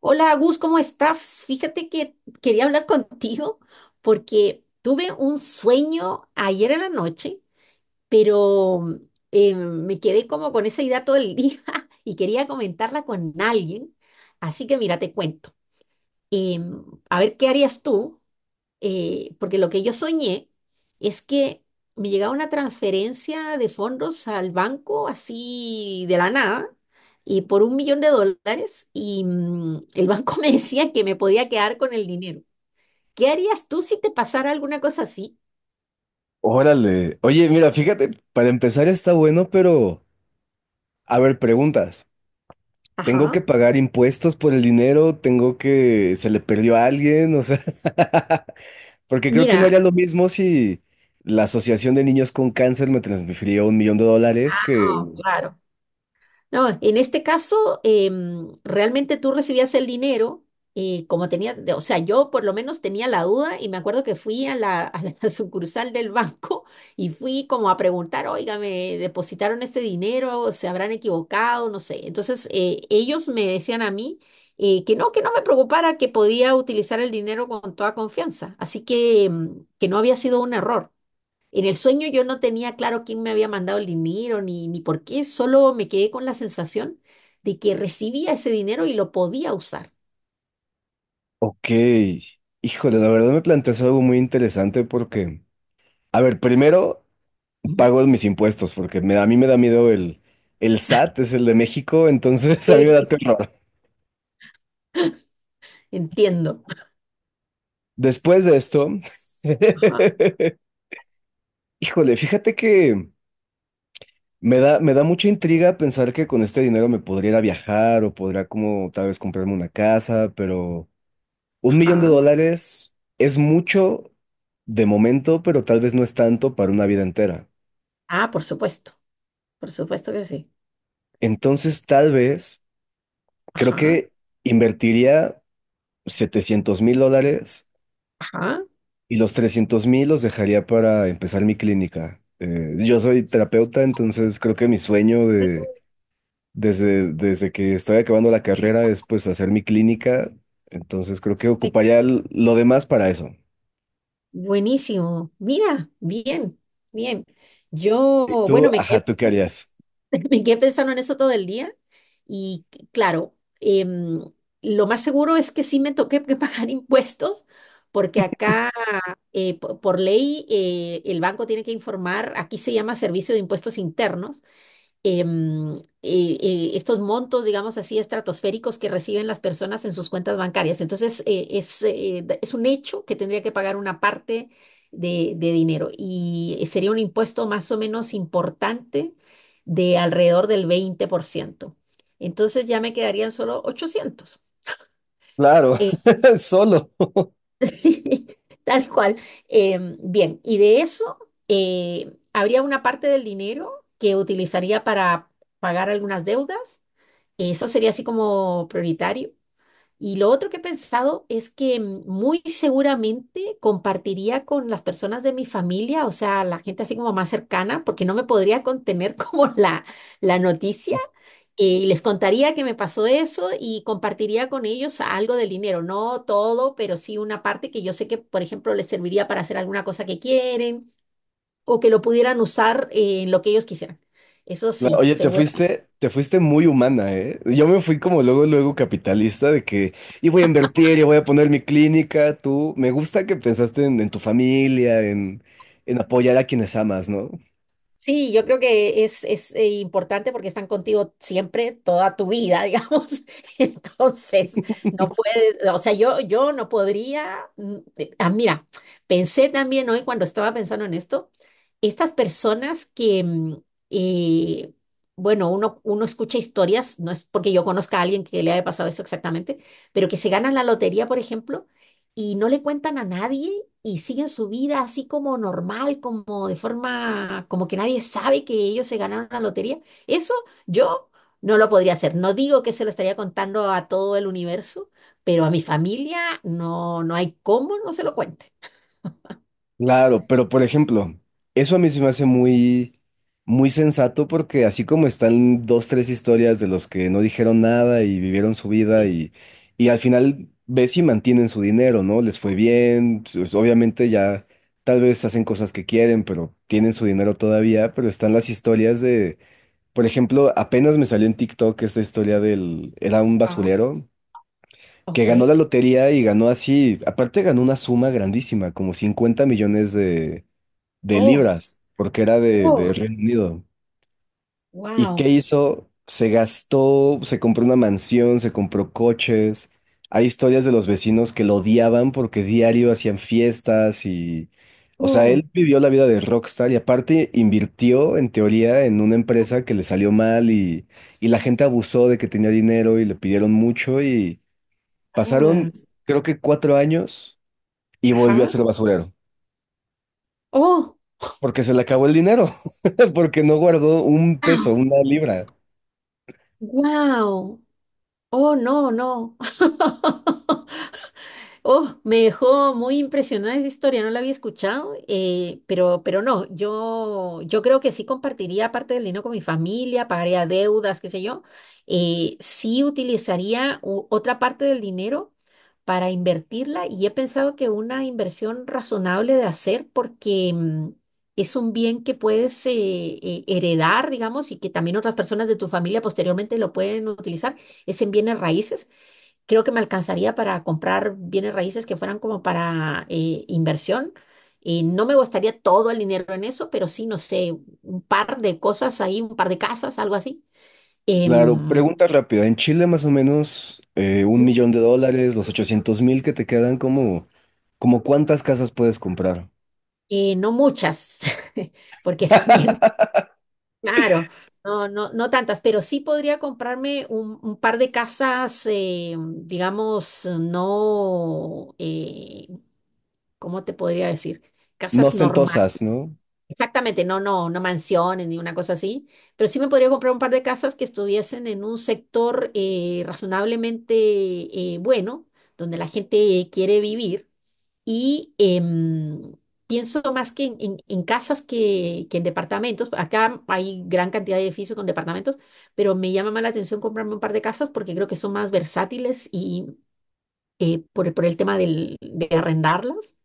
Hola, Agus, ¿cómo estás? Fíjate que quería hablar contigo porque tuve un sueño ayer en la noche, pero me quedé como con esa idea todo el día y quería comentarla con alguien. Así que mira, te cuento. A ver, ¿qué harías tú? Porque lo que yo soñé es que me llegaba una transferencia de fondos al banco así de la nada y por 1 millón de dólares y el banco me decía que me podía quedar con el dinero. ¿Qué harías tú si te pasara alguna cosa así? Órale. Oye, mira, fíjate, para empezar está bueno, pero a ver, preguntas. ¿Tengo Ajá. que pagar impuestos por el dinero? ¿Tengo que se le perdió a alguien? O sea, porque creo que no Mira, haría lo mismo si la Asociación de Niños con Cáncer me transfirió $1 millón que... no, claro. No, en este caso, realmente tú recibías el dinero, como tenía, o sea, yo por lo menos tenía la duda y me acuerdo que fui a la sucursal del banco y fui como a preguntar, oiga, me depositaron este dinero, se habrán equivocado, no sé. Entonces, ellos me decían a mí que no me preocupara, que podía utilizar el dinero con toda confianza. Así que, que no había sido un error. En el sueño yo no tenía claro quién me había mandado el dinero ni por qué, solo me quedé con la sensación de que recibía ese dinero y lo podía usar. Ok. Híjole, la verdad me planteas algo muy interesante porque, a ver, primero Ujú. pago mis impuestos porque a mí me da miedo el SAT, es el de México, entonces a mí me da Sí. terror. Entiendo. Después de esto, Ajá, híjole, fíjate que me da mucha intriga pensar que con este dinero me podría ir a viajar o podría como tal vez comprarme una casa, pero un millón de ajá. dólares es mucho de momento, pero tal vez no es tanto para una vida entera. Ah, por supuesto que sí. Entonces, tal vez, creo Ajá, que invertiría $700.000 ajá. y los 300.000 los dejaría para empezar mi clínica. Yo soy terapeuta, entonces creo que mi sueño de Desde que estoy acabando la carrera es pues hacer mi clínica, entonces creo que Eh, ocuparía lo demás para eso. Buenísimo. Mira, bien, bien. ¿Y Yo, tú? bueno, me Ajá, quedé ¿tú qué harías? Me quedé pensando en eso todo el día y claro, lo más seguro es que sí me toque que pagar impuestos porque acá por ley el banco tiene que informar. Aquí se llama Servicio de Impuestos Internos. Estos montos, digamos así, estratosféricos que reciben las personas en sus cuentas bancarias. Entonces, es un hecho que tendría que pagar una parte de dinero y sería un impuesto más o menos importante de alrededor del 20%. Entonces, ya me quedarían solo 800. Claro, solo. Sí, tal cual. Bien, y de eso habría una parte del dinero que utilizaría para pagar algunas deudas. Eso sería así como prioritario. Y lo otro que he pensado es que muy seguramente compartiría con las personas de mi familia, o sea, la gente así como más cercana, porque no me podría contener como la noticia. Y les contaría que me pasó eso y compartiría con ellos algo del dinero, no todo, pero sí una parte que yo sé que, por ejemplo, les serviría para hacer alguna cosa que quieren o que lo pudieran usar en lo que ellos quisieran. Eso sí, Oye, te seguramente. fuiste, te fuiste muy humana, ¿eh? Yo me fui como luego, luego capitalista de que, y voy a invertir, y voy a poner mi clínica, tú. Me gusta que pensaste en tu familia, en apoyar a quienes amas, ¿no? Sí, yo creo que es importante porque están contigo siempre, toda tu vida, digamos. Entonces, no puedes, o sea, yo no podría. Ah, mira, pensé también hoy cuando estaba pensando en esto, estas personas que, eh, bueno, uno escucha historias, no es porque yo conozca a alguien que le haya pasado eso exactamente, pero que se ganan la lotería, por ejemplo, y no le cuentan a nadie y siguen su vida así como normal, como de forma, como que nadie sabe que ellos se ganaron la lotería. Eso yo no lo podría hacer. No digo que se lo estaría contando a todo el universo, pero a mi familia no, no hay cómo no se lo cuente. Claro, pero por ejemplo, eso a mí se me hace muy, muy sensato porque así como están dos, tres historias de los que no dijeron nada y vivieron su vida y al final ves si mantienen su dinero, ¿no? Les fue bien, pues, obviamente ya tal vez hacen cosas que quieren, pero tienen su dinero todavía, pero están las historias de, por ejemplo, apenas me salió en TikTok esta historia del, era un Ah, basurero que ok. ganó la lotería y ganó así, aparte ganó una suma grandísima, como 50 millones de Oh, libras, porque era oh, de Reino Unido. ¿Y qué wow. hizo? Se gastó, se compró una mansión, se compró coches. Hay historias de los vecinos que lo odiaban porque diario hacían fiestas y... O sea, Oh, él vivió la vida de rockstar y aparte invirtió en teoría en una empresa que le salió mal y la gente abusó de que tenía dinero y le pidieron mucho y ah, pasaron creo que 4 años y volvió a ajá. ser basurero. Oh, Porque se le acabó el dinero, porque no guardó un peso, wow. una libra. Wow. Oh, no, no. Oh, me dejó muy impresionada esa historia, no la había escuchado, pero no, yo creo que sí compartiría parte del dinero con mi familia, pagaría deudas, qué sé yo. Sí utilizaría otra parte del dinero para invertirla y he pensado que una inversión razonable de hacer porque es un bien que puedes heredar, digamos, y que también otras personas de tu familia posteriormente lo pueden utilizar, es en bienes raíces. Creo que me alcanzaría para comprar bienes raíces que fueran como para inversión. Y no me gustaría todo el dinero en eso, pero sí, no sé, un par de cosas ahí, un par de casas, algo así. Claro, Em, pregunta rápida. En Chile más o menos $1 millón, los 800.000 que te quedan, como, como cuántas casas puedes comprar? No muchas, porque también, claro, no, no, no tantas, pero sí podría comprarme un par de casas, digamos, no, ¿cómo te podría decir? No Casas normales. ostentosas, ¿no? Exactamente, no, no, no mansiones ni una cosa así, pero sí me podría comprar un par de casas que estuviesen en un sector razonablemente bueno, donde la gente quiere vivir y pienso más que en, en casas que en departamentos. Acá hay gran cantidad de edificios con departamentos, pero me llama más la atención comprarme un par de casas porque creo que son más versátiles y por, por el tema de arrendarlas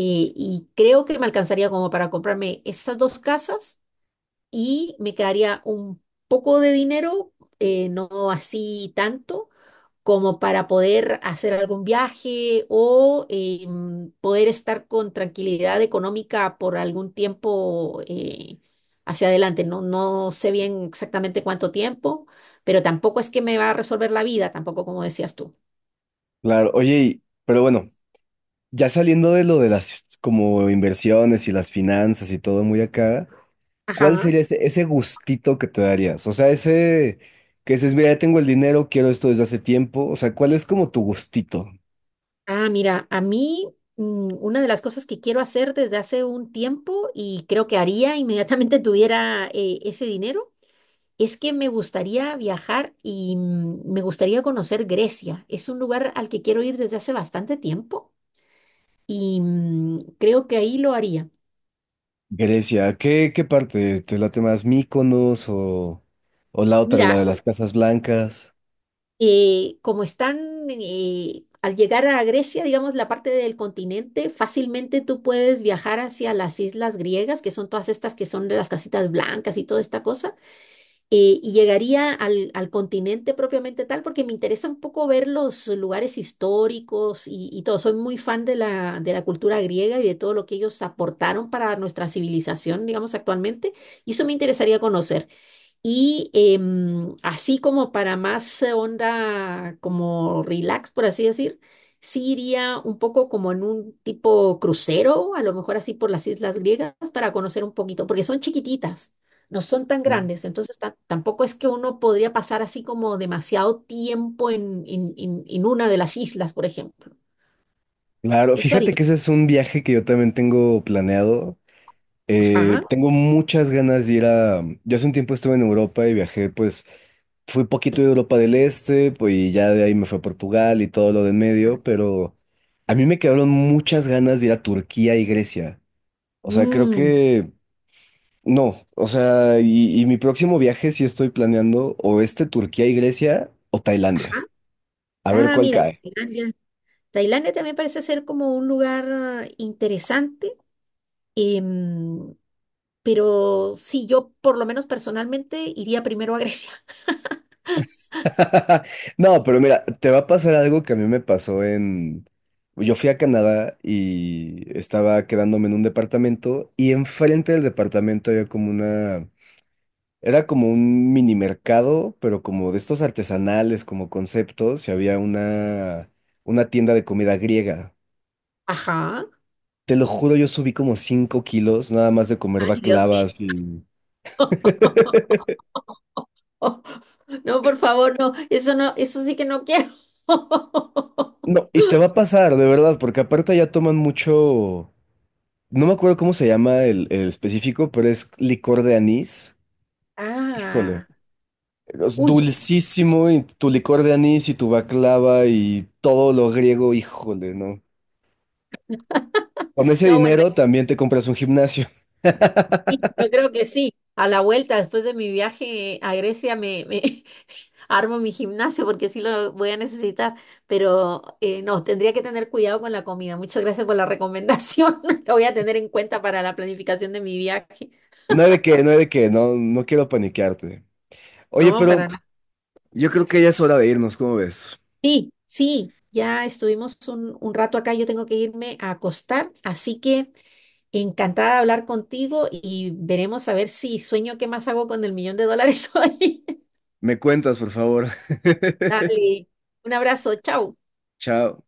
y creo que me alcanzaría como para comprarme esas dos casas y me quedaría un poco de dinero, no así tanto, como para poder hacer algún viaje o poder estar con tranquilidad económica por algún tiempo hacia adelante. No, no sé bien exactamente cuánto tiempo, pero tampoco es que me va a resolver la vida, tampoco como decías tú. Claro, oye, pero bueno, ya saliendo de lo de las como inversiones y las finanzas y todo muy acá, ¿cuál Ajá. sería ese, ese gustito que te darías? O sea, ese que dices, mira, ya tengo el dinero, quiero esto desde hace tiempo. O sea, ¿cuál es como tu gustito? Ah, mira, a mí una de las cosas que quiero hacer desde hace un tiempo y creo que haría inmediatamente tuviera ese dinero. Es que me gustaría viajar y me gustaría conocer Grecia. Es un lugar al que quiero ir desde hace bastante tiempo y creo que ahí lo haría. Grecia, ¿qué, qué parte? ¿Te late más Mykonos o la otra, la Mira, de las Casas Blancas? Como están al llegar a Grecia, digamos, la parte del continente, fácilmente tú puedes viajar hacia las islas griegas, que son todas estas que son de las casitas blancas y toda esta cosa. Y llegaría al continente propiamente tal, porque me interesa un poco ver los lugares históricos y todo. Soy muy fan de la cultura griega y de todo lo que ellos aportaron para nuestra civilización, digamos, actualmente, y eso me interesaría conocer. Y así como para más onda, como relax, por así decir, sí iría un poco como en un tipo crucero, a lo mejor así por las islas griegas, para conocer un poquito, porque son chiquititas, no son tan Mm. grandes, entonces tampoco es que uno podría pasar así como demasiado tiempo en una de las islas, por ejemplo. Claro, Eso haría. fíjate que ese es un viaje que yo también tengo planeado. Ajá. Tengo muchas ganas de ir a... Yo hace un tiempo estuve en Europa y viajé, pues fui poquito de Europa del Este, pues y ya de ahí me fue a Portugal y todo lo de en medio, pero a mí me quedaron muchas ganas de ir a Turquía y Grecia. O sea, creo Mm, que... No, o sea, y mi próximo viaje sí estoy planeando o este Turquía y Grecia o Tailandia. ajá. A ver Ah, cuál mira, cae. Tailandia. Tailandia también parece ser como un lugar interesante. Em, pero sí, yo por lo menos personalmente iría primero a Grecia. No, pero mira, te va a pasar algo que a mí me pasó en... Yo fui a Canadá y estaba quedándome en un departamento y enfrente del departamento había como una... Era como un mini mercado, pero como de estos artesanales, como conceptos, y había una tienda de comida griega. Ajá. Te lo juro, yo subí como 5 kilos nada más de comer Ay, Dios mío. baklavas y... No, por favor, no. Eso no, eso sí que no quiero. No, y te va a pasar, de verdad, porque aparte ya toman mucho... No me acuerdo cómo se llama el específico, pero es licor de anís. Híjole, Ah, es uy. dulcísimo y tu licor de anís y tu baklava y todo lo griego, híjole, ¿no? Con ese No, bueno, dinero también te compras un gimnasio. sí, yo creo que sí. A la vuelta, después de mi viaje a Grecia, me armo mi gimnasio porque sí lo voy a necesitar. Pero no, tendría que tener cuidado con la comida. Muchas gracias por la recomendación. Lo voy a tener en cuenta para la planificación de mi viaje. No hay de qué, no hay de qué, no, no quiero paniquearte. Oye, No, para pero nada. yo creo que ya es hora de irnos, ¿cómo ves? Sí, sí, ya estuvimos un rato acá. Yo tengo que irme a acostar. Así que encantada de hablar contigo y veremos a ver si sueño qué más hago con el 1 millón de dólares hoy. Me cuentas, por favor. Dale, un abrazo, chao. Chao.